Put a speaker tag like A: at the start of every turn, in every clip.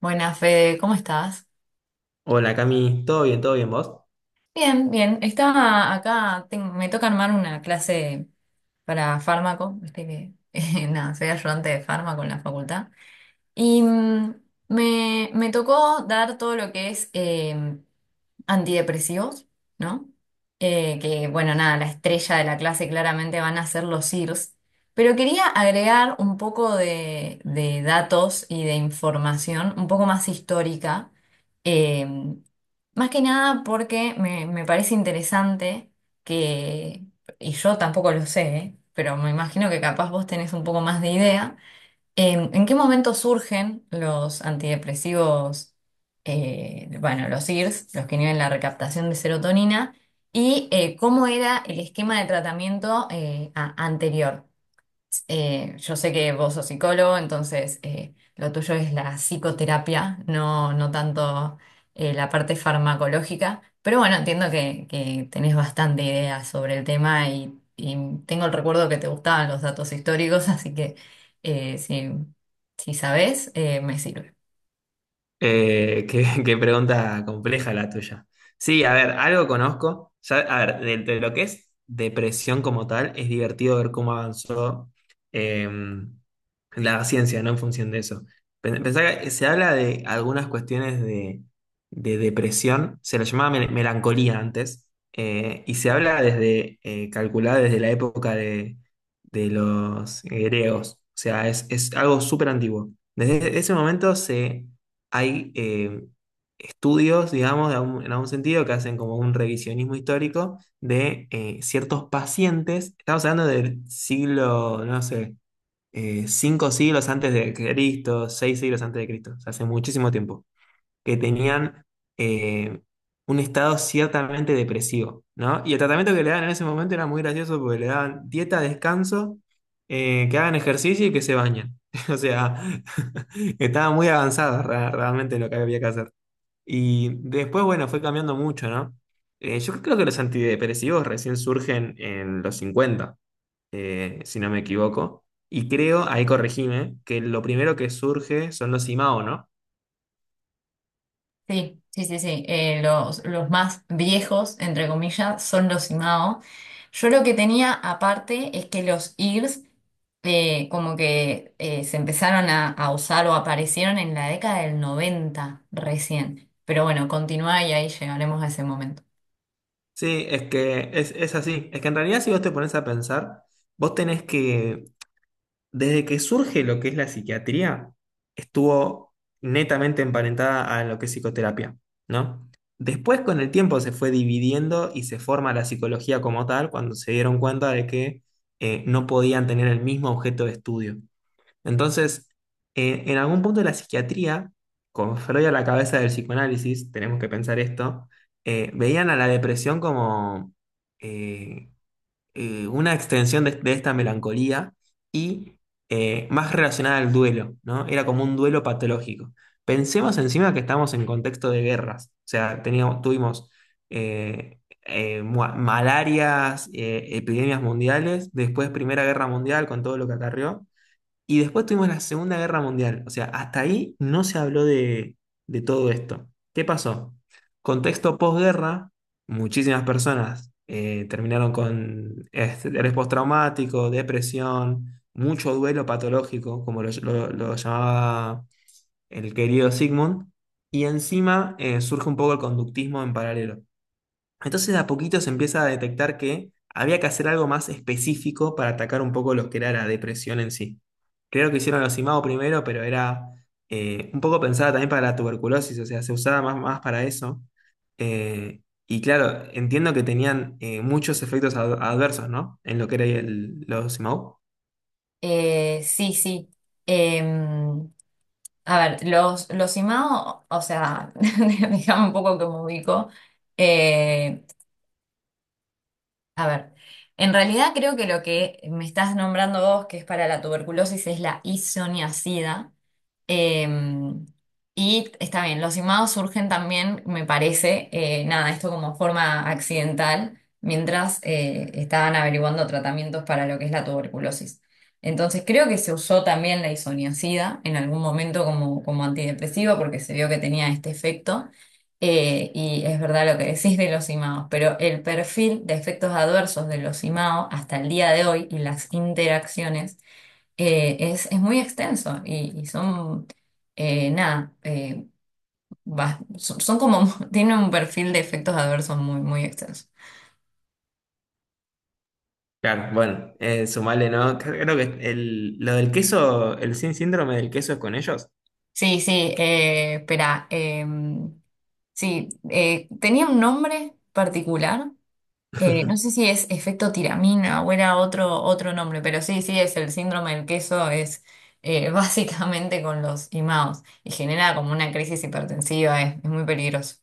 A: Buenas, Fede, ¿cómo estás?
B: Hola Cami, ¿todo bien? ¿Todo bien vos?
A: Bien, bien. Estaba acá, me toca armar una clase para fármaco, viste que nada, soy ayudante de fármaco en la facultad. Y mm, me tocó dar todo lo que es antidepresivos, ¿no? Que bueno, nada, la estrella de la clase claramente van a ser los IRS. Pero quería agregar un poco de datos y de información un poco más histórica, eh, más que nada porque me parece interesante que, y yo tampoco lo sé, ¿eh? Pero me imagino que capaz vos tenés un poco más de idea. ¿En qué momento surgen los antidepresivos, bueno, los IRS, los que inhiben la recaptación de serotonina? ¿Y cómo era el esquema de tratamiento anterior? Yo sé que vos sos psicólogo, entonces lo tuyo es la psicoterapia, no, no tanto la parte farmacológica, pero bueno, entiendo que tenés bastante idea sobre el tema y tengo el recuerdo que te gustaban los datos históricos, así que eh, si, si sabés, me sirve.
B: Qué, qué pregunta compleja la tuya. Sí, a ver, algo conozco. A ver, de lo que es depresión como tal, es divertido ver cómo avanzó eh, la ciencia, ¿no? En función de eso. Pensá que se habla de algunas cuestiones de depresión, se la llamaba melancolía antes, y se habla desde, calculada desde la época de los griegos. O sea, es algo súper antiguo. Desde ese momento se hay estudios, digamos, en algún sentido, que hacen como un revisionismo histórico de ciertos pacientes. Estamos hablando del siglo, no sé, cinco siglos antes de Cristo, seis siglos antes de Cristo, o sea, hace muchísimo tiempo que tenían eh, un estado ciertamente depresivo, ¿no? Y el tratamiento que le daban en ese momento era muy gracioso porque le daban dieta, descanso, que hagan ejercicio y que se bañen. O sea, estaba muy avanzado realmente lo que había que hacer. Y después, bueno, fue cambiando mucho, ¿no? Yo creo que los antidepresivos recién surgen en los 50, si no me equivoco. Y creo, ahí corregime, que lo primero que surge son los IMAO, ¿no?
A: Sí, sí, sí, sí. Los más viejos, entre comillas, son los IMAO. Yo lo que tenía aparte es que los IRS como que se empezaron a usar o aparecieron en la década del 90 recién. Pero bueno, continúa y ahí llegaremos a ese momento.
B: Sí, es que es así. Es que en realidad si vos te pones a pensar, vos tenés que, desde que surge lo que es la psiquiatría, estuvo netamente emparentada a lo que es psicoterapia, ¿no? Después con el tiempo se fue dividiendo y se forma la psicología como tal cuando se dieron cuenta de que no podían tener el mismo objeto de estudio. Entonces, en algún punto de la psiquiatría, con Freud a la cabeza del psicoanálisis, tenemos que pensar esto, veían a la depresión como eh, una extensión de esta melancolía y más relacionada al duelo, ¿no? Era como un duelo patológico. Pensemos encima que estamos en contexto de guerras, o sea, teníamos, tuvimos eh, malarias, epidemias mundiales, después Primera Guerra Mundial con todo lo que acarreó. Y después tuvimos la Segunda Guerra Mundial. O sea, hasta ahí no se habló de todo esto. ¿Qué pasó? Contexto posguerra, muchísimas personas terminaron con estrés postraumático, depresión, mucho duelo patológico, como lo llamaba el querido Sigmund. Y encima surge un poco el conductismo en paralelo. Entonces de a poquito se empieza a detectar que había que hacer algo más específico para atacar un poco lo que era la depresión en sí. Creo que hicieron los IMAO primero, pero era un poco pensada también para la tuberculosis, o sea, se usaba más, más para eso. Y claro, entiendo que tenían muchos efectos adversos, ¿no? En lo que era el, los IMAO.
A: Sí, sí. Em, a ver, los IMAO, o sea, déjame un poco que me ubico. eh, A ver, en realidad creo que lo que me estás nombrando vos, que es para la tuberculosis, es la isoniazida. Em, y está bien, los imados surgen también, me parece, nada, esto como forma accidental, mientras estaban averiguando tratamientos para lo que es la tuberculosis. Entonces creo que se usó también la isoniazida en algún momento como antidepresivo porque se vio que tenía este efecto. Y es verdad lo que decís de los IMAO, pero el perfil de efectos adversos de los IMAO hasta el día de hoy y las interacciones es muy extenso y son, nada, bas- son, son como, tienen un perfil de efectos adversos muy, muy extenso.
B: Claro, bueno, sumale, ¿no? Creo que el, lo del queso, el sin síndrome del queso es con ellos.
A: Sí, sí, espera, sí, tenía un nombre particular. No sé si es efecto tiramina o era otro nombre, pero sí, sí, es el síndrome del queso, es básicamente con los imaos y genera como una crisis hipertensiva, es muy peligroso.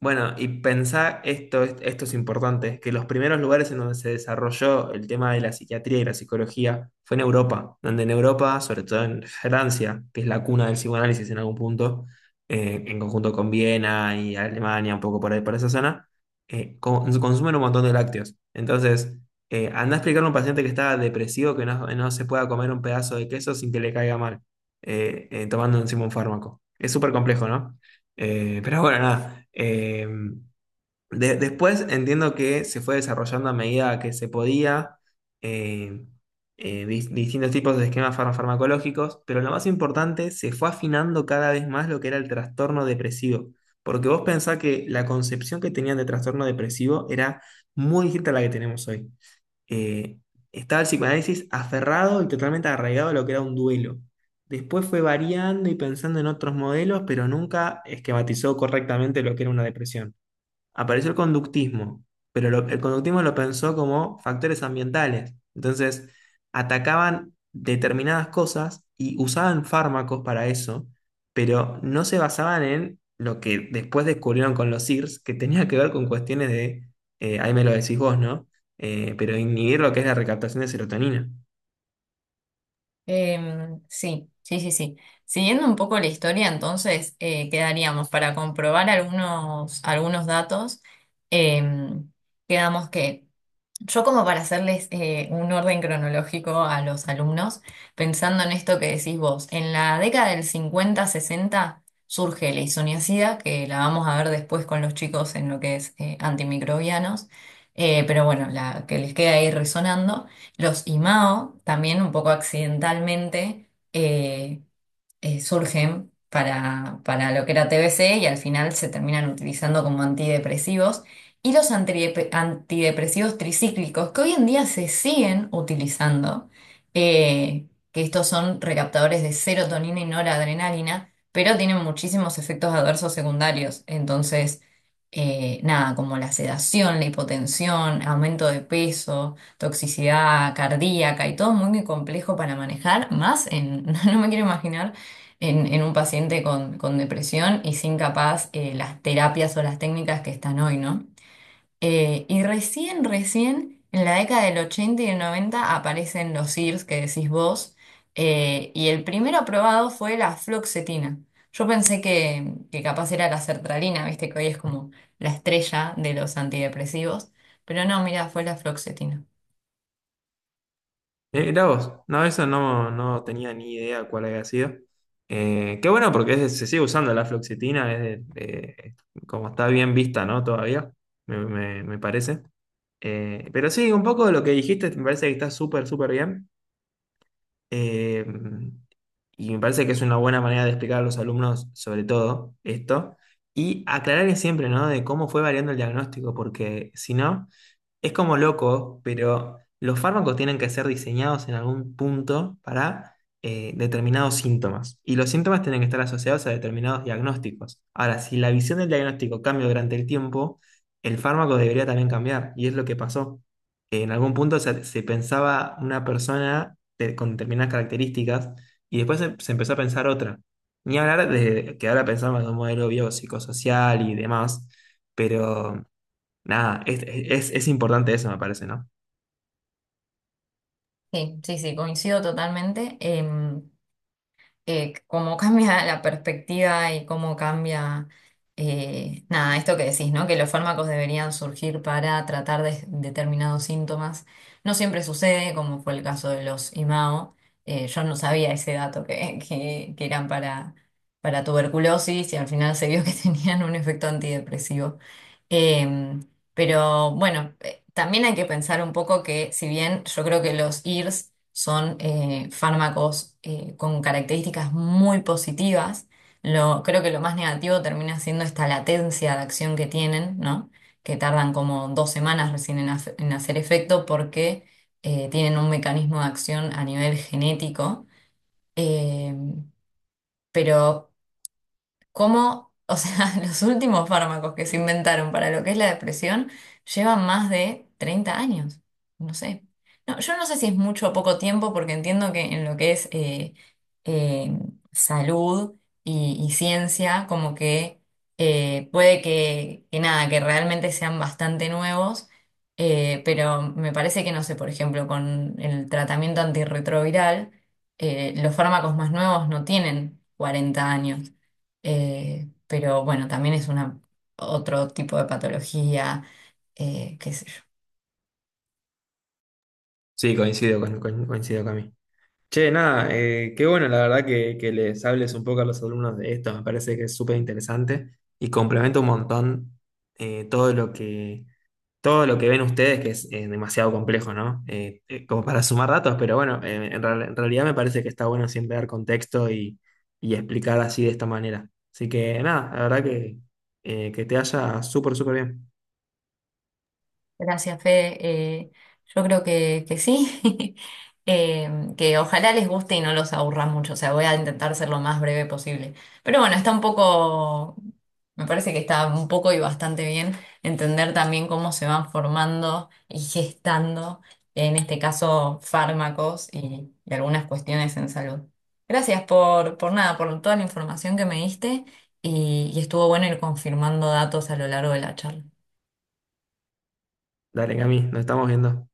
B: Bueno, y pensá, esto, esto es importante, que los primeros lugares en donde se desarrolló el tema de la psiquiatría y la psicología fue en Europa, donde en Europa, sobre todo en Francia, que es la cuna del psicoanálisis en algún punto, en conjunto con Viena y Alemania, un poco por ahí, por esa zona, consumen un montón de lácteos. Entonces, andá a explicarle a un paciente que está depresivo que no, no se pueda comer un pedazo de queso sin que le caiga mal, tomando encima un fármaco. Es súper complejo, ¿no? Pero bueno, nada. Después entiendo que se fue desarrollando a medida que se podía eh, distintos tipos de esquemas farmacológicos, pero lo más importante, se fue afinando cada vez más lo que era el trastorno depresivo. Porque vos pensás que la concepción que tenían de trastorno depresivo era muy distinta a la que tenemos hoy. eh, estaba el psicoanálisis aferrado y totalmente arraigado a lo que era un duelo. Después fue variando y pensando en otros modelos, pero nunca esquematizó correctamente lo que era una depresión. Apareció el conductismo, pero el conductismo lo pensó como factores ambientales. Entonces, atacaban determinadas cosas y usaban fármacos para eso, pero no se basaban en lo que después descubrieron con los SIRS, que tenía que ver con cuestiones de, ahí me lo decís vos, ¿no? Pero inhibir lo que es la recaptación de serotonina.
A: Sí, sí, sí, sí. Siguiendo un poco la historia, entonces quedaríamos para comprobar algunos datos, em, quedamos que... Yo como para hacerles un orden cronológico a los alumnos, pensando en esto que decís vos, en la década del 50-60 surge la isoniazida, que la vamos a ver después con los chicos en lo que es antimicrobianos, pero bueno, la que les queda ahí resonando. Los IMAO, también un poco accidentalmente, eh, surgen para lo que era TBC y al final se terminan utilizando como antidepresivos. Y los antidepresivos tricíclicos, que hoy en día se siguen utilizando, eh, que estos son recaptadores de serotonina y noradrenalina, pero tienen muchísimos efectos adversos secundarios. Entonces, nada, como la sedación, la hipotensión, aumento de peso toxicidad cardíaca y todo muy, muy complejo para manejar, más en, no me quiero imaginar en un paciente con depresión y sin capaz las terapias o las técnicas que están hoy, ¿no? Recién en la década del 80 y del 90 aparecen los SIRS que decís vos, y el primero aprobado fue la fluoxetina. Yo pensé que capaz era la sertralina, viste que hoy es como la estrella de los antidepresivos, pero no, mira, fue la fluoxetina.
B: Mira vos, no, eso no, no tenía ni idea cuál había sido. Qué bueno porque se sigue usando la fluoxetina, como está bien vista, ¿no? Todavía, me parece. Pero sí, un poco de lo que dijiste, me parece que está súper, súper bien. Eh, y me parece que es una buena manera de explicar a los alumnos, sobre todo, esto. Y aclarar siempre, ¿no? De cómo fue variando el diagnóstico, porque si no... Es como loco, pero los fármacos tienen que ser diseñados en algún punto para determinados síntomas. Y los síntomas tienen que estar asociados a determinados diagnósticos. Ahora, si la visión del diagnóstico cambia durante el tiempo, el fármaco debería también cambiar. Y es lo que pasó. En algún punto se, se pensaba una persona con determinadas características y después se, se empezó a pensar otra. Ni hablar de que ahora pensamos en un modelo biopsicosocial y demás, pero nada, es importante eso, me parece, ¿no?
A: Sí, sí, sí, coincido totalmente. Cómo cambia la perspectiva y cómo cambia, nada, esto que decís, ¿no? Que los fármacos deberían surgir para tratar de determinados síntomas. No siempre sucede, como fue el caso de los IMAO. Yo no sabía ese dato que eran para tuberculosis y al final se vio que tenían un efecto antidepresivo. Em, pero bueno. También hay que pensar un poco que, si bien yo creo que los IRS son fármacos con características muy positivas, creo que lo más negativo termina siendo esta latencia de acción que tienen, ¿no? Que tardan como dos semanas recién en hacer efecto porque tienen un mecanismo de acción a nivel genético. Eh, pero cómo, o sea, los últimos fármacos que se inventaron para lo que es la depresión llevan más de 30 años. No sé. No, yo no sé si es mucho o poco tiempo, porque entiendo que en lo que es eh, salud y ciencia, como que puede que nada, que realmente sean bastante nuevos. Pero me parece que, no sé, por ejemplo, con el tratamiento antirretroviral, los fármacos más nuevos no tienen 40 años. Pero bueno, también es una, otro tipo de patología, qué sé yo.
B: Sí, coincido con, coincido con mí. Che, nada, qué bueno, la verdad, que les hables un poco a los alumnos de esto, me parece que es súper interesante y complementa un montón eh, todo lo que, todo lo que ven ustedes, que es demasiado complejo, ¿no? Como para sumar datos, pero bueno, en realidad me parece que está bueno siempre dar contexto y explicar así de esta manera. Así que nada, la verdad que te haya súper, súper bien.
A: Gracias, Fede. Yo creo que sí. Eh, que ojalá les guste y no los aburra mucho. O sea, voy a intentar ser lo más breve posible. Pero bueno, está un poco, me parece que está un poco y bastante bien entender también cómo se van formando y gestando, en este caso, fármacos y algunas cuestiones en salud. Gracias por nada, por toda la información que me diste y estuvo bueno ir confirmando datos a lo largo de la charla.
B: Dale, Cami, nos estamos viendo.